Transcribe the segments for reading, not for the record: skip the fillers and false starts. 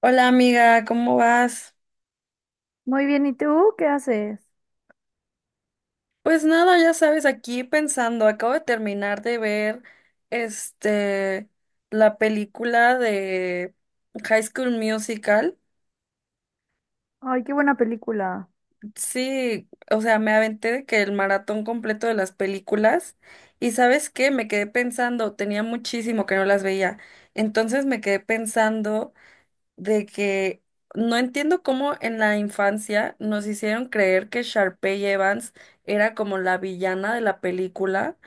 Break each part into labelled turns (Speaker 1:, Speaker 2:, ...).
Speaker 1: Hola amiga, ¿cómo vas?
Speaker 2: Muy bien, ¿y tú qué haces?
Speaker 1: Pues nada, ya sabes, aquí pensando, acabo de terminar de ver este la película de High School Musical.
Speaker 2: Ay, qué buena película.
Speaker 1: Sí, o sea, me aventé de que el maratón completo de las películas y ¿sabes qué? Me quedé pensando, tenía muchísimo que no las veía. Entonces me quedé pensando de que no entiendo cómo en la infancia nos hicieron creer que Sharpay Evans era como la villana de la película,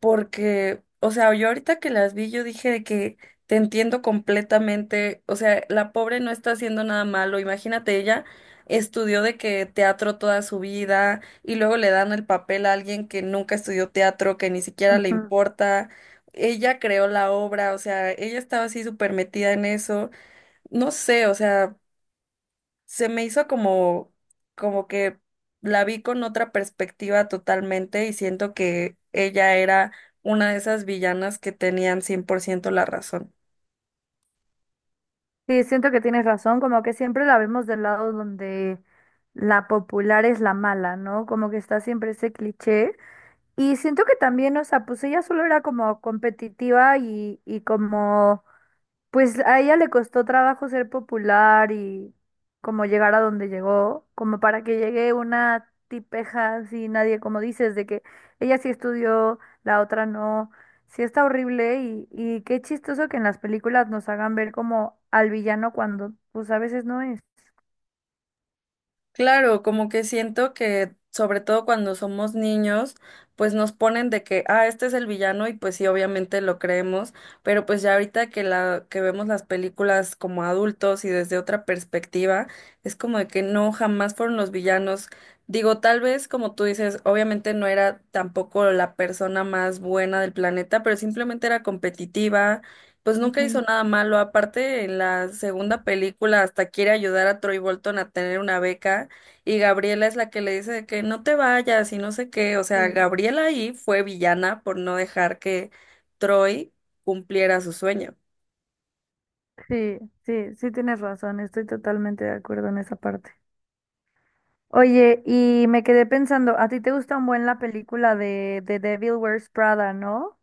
Speaker 1: porque, o sea, yo ahorita que las vi, yo dije de que te entiendo completamente, o sea, la pobre no está haciendo nada malo, imagínate, ella estudió de que teatro toda su vida y luego le dan el papel a alguien que nunca estudió teatro, que ni siquiera le
Speaker 2: Ujú.
Speaker 1: importa. Ella creó la obra, o sea, ella estaba así súper metida en eso. No sé, o sea, se me hizo como que la vi con otra perspectiva totalmente y siento que ella era una de esas villanas que tenían 100% la razón.
Speaker 2: Sí, siento que tienes razón, como que siempre la vemos del lado donde la popular es la mala, ¿no? Como que está siempre ese cliché. Y siento que también, o sea, pues ella solo era como competitiva y como pues a ella le costó trabajo ser popular y como llegar a donde llegó, como para que llegue una tipeja así, nadie, como dices, de que ella sí estudió, la otra no. Sí está horrible y qué chistoso que en las películas nos hagan ver como al villano cuando pues a veces no es.
Speaker 1: Claro, como que siento que sobre todo cuando somos niños, pues nos ponen de que, ah, este es el villano y pues sí, obviamente lo creemos, pero pues ya ahorita que la que vemos las películas como adultos y desde otra perspectiva, es como de que no, jamás fueron los villanos. Digo, tal vez como tú dices, obviamente no era tampoco la persona más buena del planeta, pero simplemente era competitiva. Pues nunca hizo
Speaker 2: Ujú,
Speaker 1: nada malo. Aparte, en la segunda película hasta quiere ayudar a Troy Bolton a tener una beca. Y Gabriela es la que le dice de que no te vayas y no sé qué. O sea,
Speaker 2: sí.
Speaker 1: Gabriela ahí fue villana por no dejar que Troy cumpliera su sueño.
Speaker 2: Sí, sí, sí tienes razón, estoy totalmente de acuerdo en esa parte. Oye, y me quedé pensando, ¿a ti te gusta un buen la película de The Devil Wears Prada, no?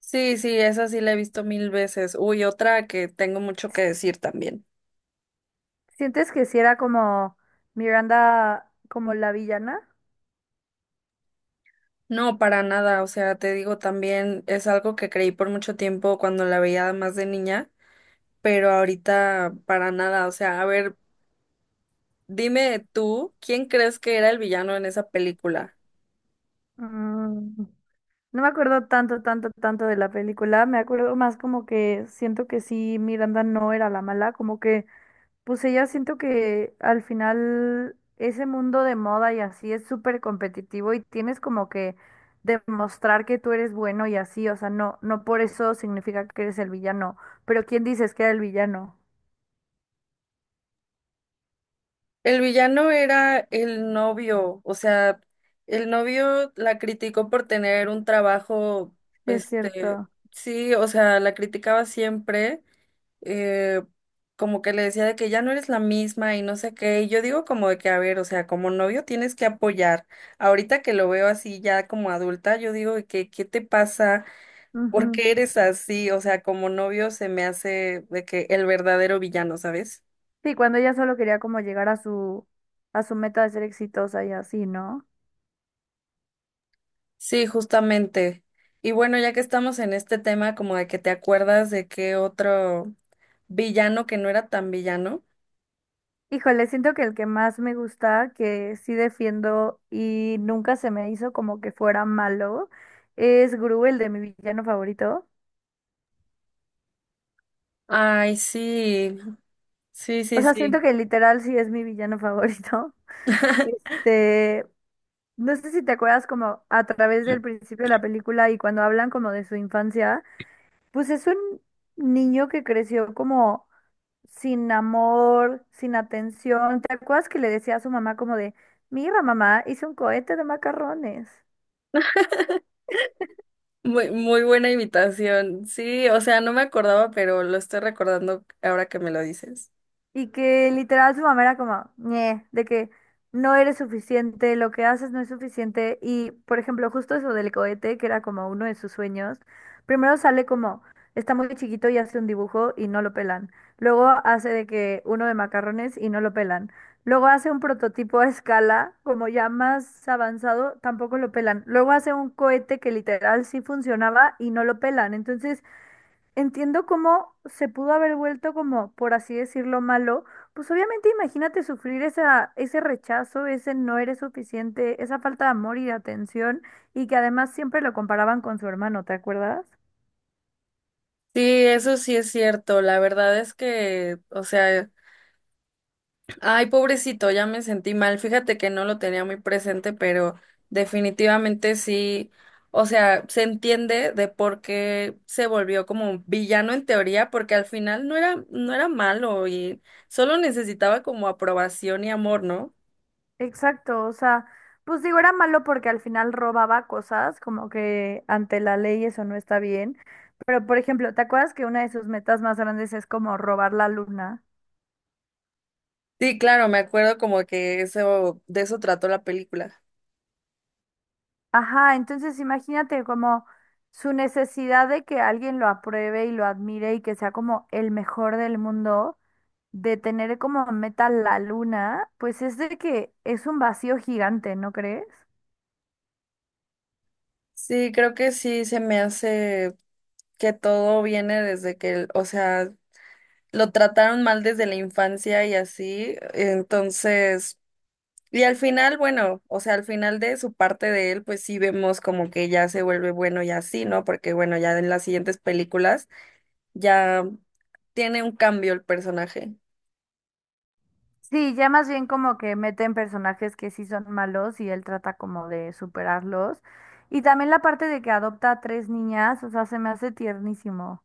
Speaker 1: Sí, sí, esa sí la he visto mil veces. Uy, otra que tengo mucho que decir también.
Speaker 2: ¿Sientes que si era como Miranda, como la villana?
Speaker 1: No, para nada. O sea, te digo también, es algo que creí por mucho tiempo cuando la veía más de niña, pero ahorita para nada. O sea, a ver, dime tú, ¿quién crees que era el villano en esa película?
Speaker 2: Mm, No me acuerdo tanto, tanto, tanto de la película. Me acuerdo más como que siento que sí, Miranda no era la mala. Como que, pues ella siento que al final ese mundo de moda y así es súper competitivo y tienes como que demostrar que tú eres bueno y así. O sea, no, no por eso significa que eres el villano. Pero ¿quién dices que era el villano?
Speaker 1: El villano era el novio, o sea, el novio la criticó por tener un trabajo,
Speaker 2: Sí, es
Speaker 1: este,
Speaker 2: cierto.
Speaker 1: sí, o sea, la criticaba siempre, eh, como que le decía de que ya no eres la misma y no sé qué, y yo digo como de que, a ver, o sea, como novio tienes que apoyar. Ahorita que lo veo así ya como adulta, yo digo de que, ¿qué te pasa? ¿Por qué eres así? O sea, como novio se me hace de que el verdadero villano, ¿sabes?
Speaker 2: Sí, cuando ella solo quería como llegar a su meta de ser exitosa y así, ¿no?
Speaker 1: Sí, justamente. Y bueno, ya que estamos en este tema, como de que te acuerdas de qué otro villano que no era tan villano.
Speaker 2: Híjole, siento que el que más me gusta, que sí defiendo y nunca se me hizo como que fuera malo, es Gru, el de mi villano favorito.
Speaker 1: Ay, sí, sí,
Speaker 2: O
Speaker 1: sí,
Speaker 2: sea, siento
Speaker 1: sí.
Speaker 2: que literal sí es mi villano favorito. Este, no sé si te acuerdas como a través del principio de la película y cuando hablan como de su infancia, pues es un niño que creció como sin amor, sin atención. ¿Te acuerdas que le decía a su mamá como de, mira, mamá, hice un cohete de macarrones?
Speaker 1: Muy, muy buena invitación. Sí, o sea, no me acordaba, pero lo estoy recordando ahora que me lo dices.
Speaker 2: Y que literal su mamá era como, "Ñe", de que no eres suficiente, lo que haces no es suficiente. Y, por ejemplo, justo eso del cohete, que era como uno de sus sueños, primero sale como, está muy chiquito y hace un dibujo y no lo pelan. Luego hace de que uno de macarrones y no lo pelan. Luego hace un prototipo a escala, como ya más avanzado, tampoco lo pelan. Luego hace un cohete que literal sí funcionaba y no lo pelan. Entonces, entiendo cómo se pudo haber vuelto como, por así decirlo, malo. Pues obviamente imagínate sufrir ese rechazo, ese no eres suficiente, esa falta de amor y de atención, y que además siempre lo comparaban con su hermano, ¿te acuerdas?
Speaker 1: Sí, eso sí es cierto. La verdad es que, o sea, ay, pobrecito, ya me sentí mal. Fíjate que no lo tenía muy presente, pero definitivamente sí, o sea, se entiende de por qué se volvió como un villano en teoría, porque al final no era malo y solo necesitaba como aprobación y amor, ¿no?
Speaker 2: Exacto, o sea, pues digo, era malo porque al final robaba cosas, como que ante la ley eso no está bien. Pero, por ejemplo, ¿te acuerdas que una de sus metas más grandes es como robar la luna?
Speaker 1: Sí, claro, me acuerdo como que eso, de eso trató la película.
Speaker 2: Ajá, entonces imagínate como su necesidad de que alguien lo apruebe y lo admire y que sea como el mejor del mundo, de tener como meta la luna, pues es de que es un vacío gigante, ¿no crees?
Speaker 1: Sí, creo que sí se me hace que todo viene desde que, o sea, lo trataron mal desde la infancia y así, entonces. Y al final, bueno, o sea, al final de su parte de él, pues sí vemos como que ya se vuelve bueno y así, ¿no? Porque bueno, ya en las siguientes películas ya tiene un cambio el personaje.
Speaker 2: Sí, ya más bien como que meten personajes que sí son malos y él trata como de superarlos. Y también la parte de que adopta a tres niñas, o sea, se me hace tiernísimo.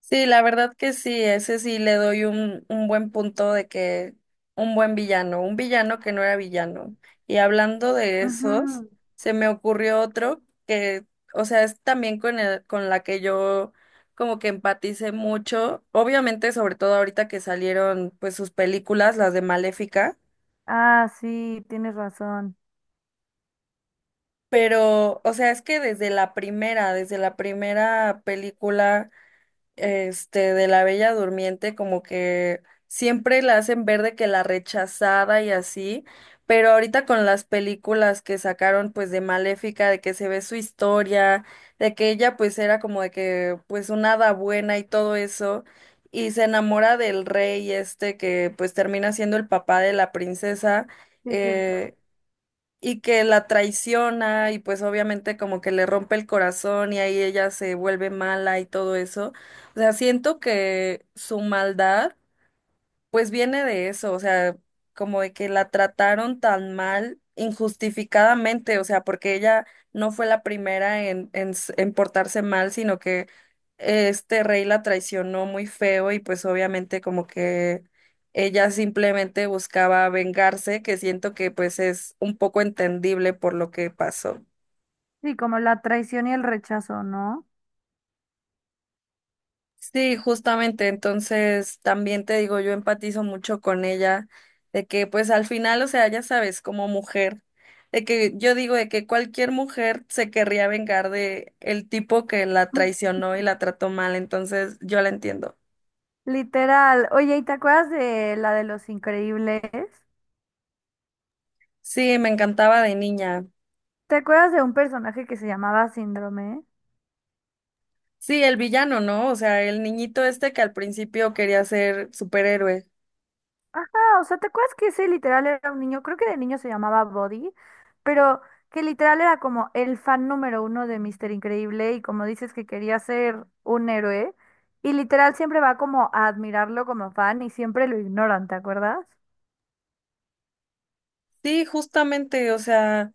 Speaker 1: Sí, la verdad que sí, ese sí le doy un buen punto de que un buen villano, un villano que no era villano. Y hablando de esos,
Speaker 2: Ujú.
Speaker 1: se me ocurrió otro que, o sea, es también con la que yo como que empaticé mucho, obviamente sobre todo ahorita que salieron pues sus películas, las de Maléfica,
Speaker 2: Ah, sí, tienes razón.
Speaker 1: pero, o sea, es que desde la primera película, de la Bella Durmiente, como que siempre la hacen ver de que la rechazada y así, pero ahorita con las películas que sacaron pues de Maléfica, de que se ve su historia, de que ella pues era como de que pues una hada buena y todo eso, y se enamora del rey este que pues termina siendo el papá de la princesa,
Speaker 2: Sí, es cierto.
Speaker 1: eh, y que la traiciona y pues obviamente como que le rompe el corazón y ahí ella se vuelve mala y todo eso. O sea, siento que su maldad pues viene de eso, o sea, como de que la trataron tan mal injustificadamente, o sea, porque ella no fue la primera en portarse mal, sino que este rey la traicionó muy feo y pues obviamente como que ella simplemente buscaba vengarse, que siento que pues es un poco entendible por lo que pasó.
Speaker 2: Sí, como la traición y el rechazo, ¿no?
Speaker 1: Sí, justamente, entonces también te digo, yo empatizo mucho con ella, de que pues al final, o sea, ya sabes, como mujer, de que yo digo de que cualquier mujer se querría vengar de el tipo que la traicionó y la trató mal, entonces yo la entiendo.
Speaker 2: Literal. Oye, ¿y te acuerdas de la de Los Increíbles?
Speaker 1: Sí, me encantaba de niña.
Speaker 2: ¿Te acuerdas de un personaje que se llamaba Síndrome?
Speaker 1: Sí, el villano, ¿no? O sea, el niñito este que al principio quería ser superhéroe.
Speaker 2: Ajá, o sea, ¿te acuerdas que ese literal era un niño? Creo que de niño se llamaba Body, pero que literal era como el fan número 1 de Mister Increíble y como dices que quería ser un héroe, y literal siempre va como a admirarlo como fan y siempre lo ignoran, ¿te acuerdas?
Speaker 1: Sí, justamente, o sea,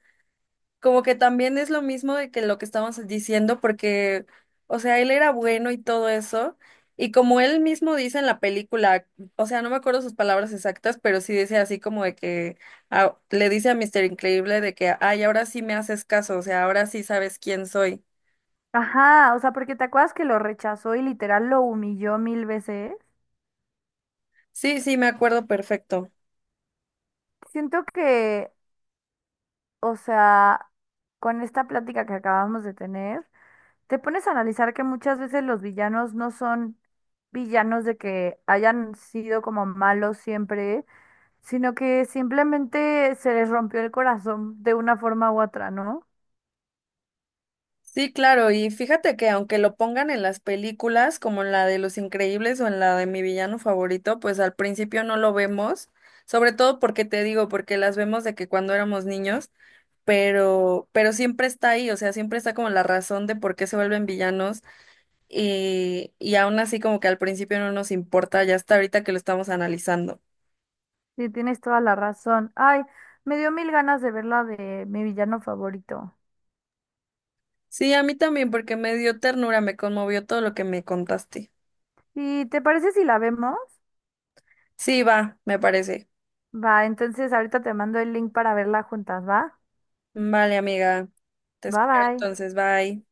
Speaker 1: como que también es lo mismo de que lo que estábamos diciendo, porque, o sea, él era bueno y todo eso, y como él mismo dice en la película, o sea, no me acuerdo sus palabras exactas, pero sí dice así como de que ah, le dice a Mister Increíble de que, ay, ahora sí me haces caso, o sea, ahora sí sabes quién soy.
Speaker 2: Ajá, o sea, porque te acuerdas que lo rechazó y literal lo humilló 1000 veces.
Speaker 1: Sí, sí, me acuerdo perfecto.
Speaker 2: Siento que, o sea, con esta plática que acabamos de tener, te pones a analizar que muchas veces los villanos no son villanos de que hayan sido como malos siempre, sino que simplemente se les rompió el corazón de una forma u otra, ¿no?
Speaker 1: Sí, claro, y fíjate que aunque lo pongan en las películas, como en la de Los Increíbles o en la de Mi Villano Favorito, pues al principio no lo vemos, sobre todo porque te digo, porque las vemos de que cuando éramos niños, pero siempre está ahí, o sea, siempre está como la razón de por qué se vuelven villanos y aún así como que al principio no nos importa, ya hasta ahorita que lo estamos analizando.
Speaker 2: Sí, tienes toda la razón. Ay, me dio mil ganas de ver la de mi villano favorito.
Speaker 1: Sí, a mí también, porque me dio ternura, me conmovió todo lo que me contaste.
Speaker 2: ¿Y te parece si la vemos?
Speaker 1: Sí, va, me parece.
Speaker 2: Va, entonces ahorita te mando el link para verla juntas, ¿va?
Speaker 1: Vale, amiga. Te
Speaker 2: Bye
Speaker 1: espero
Speaker 2: bye.
Speaker 1: entonces. Bye.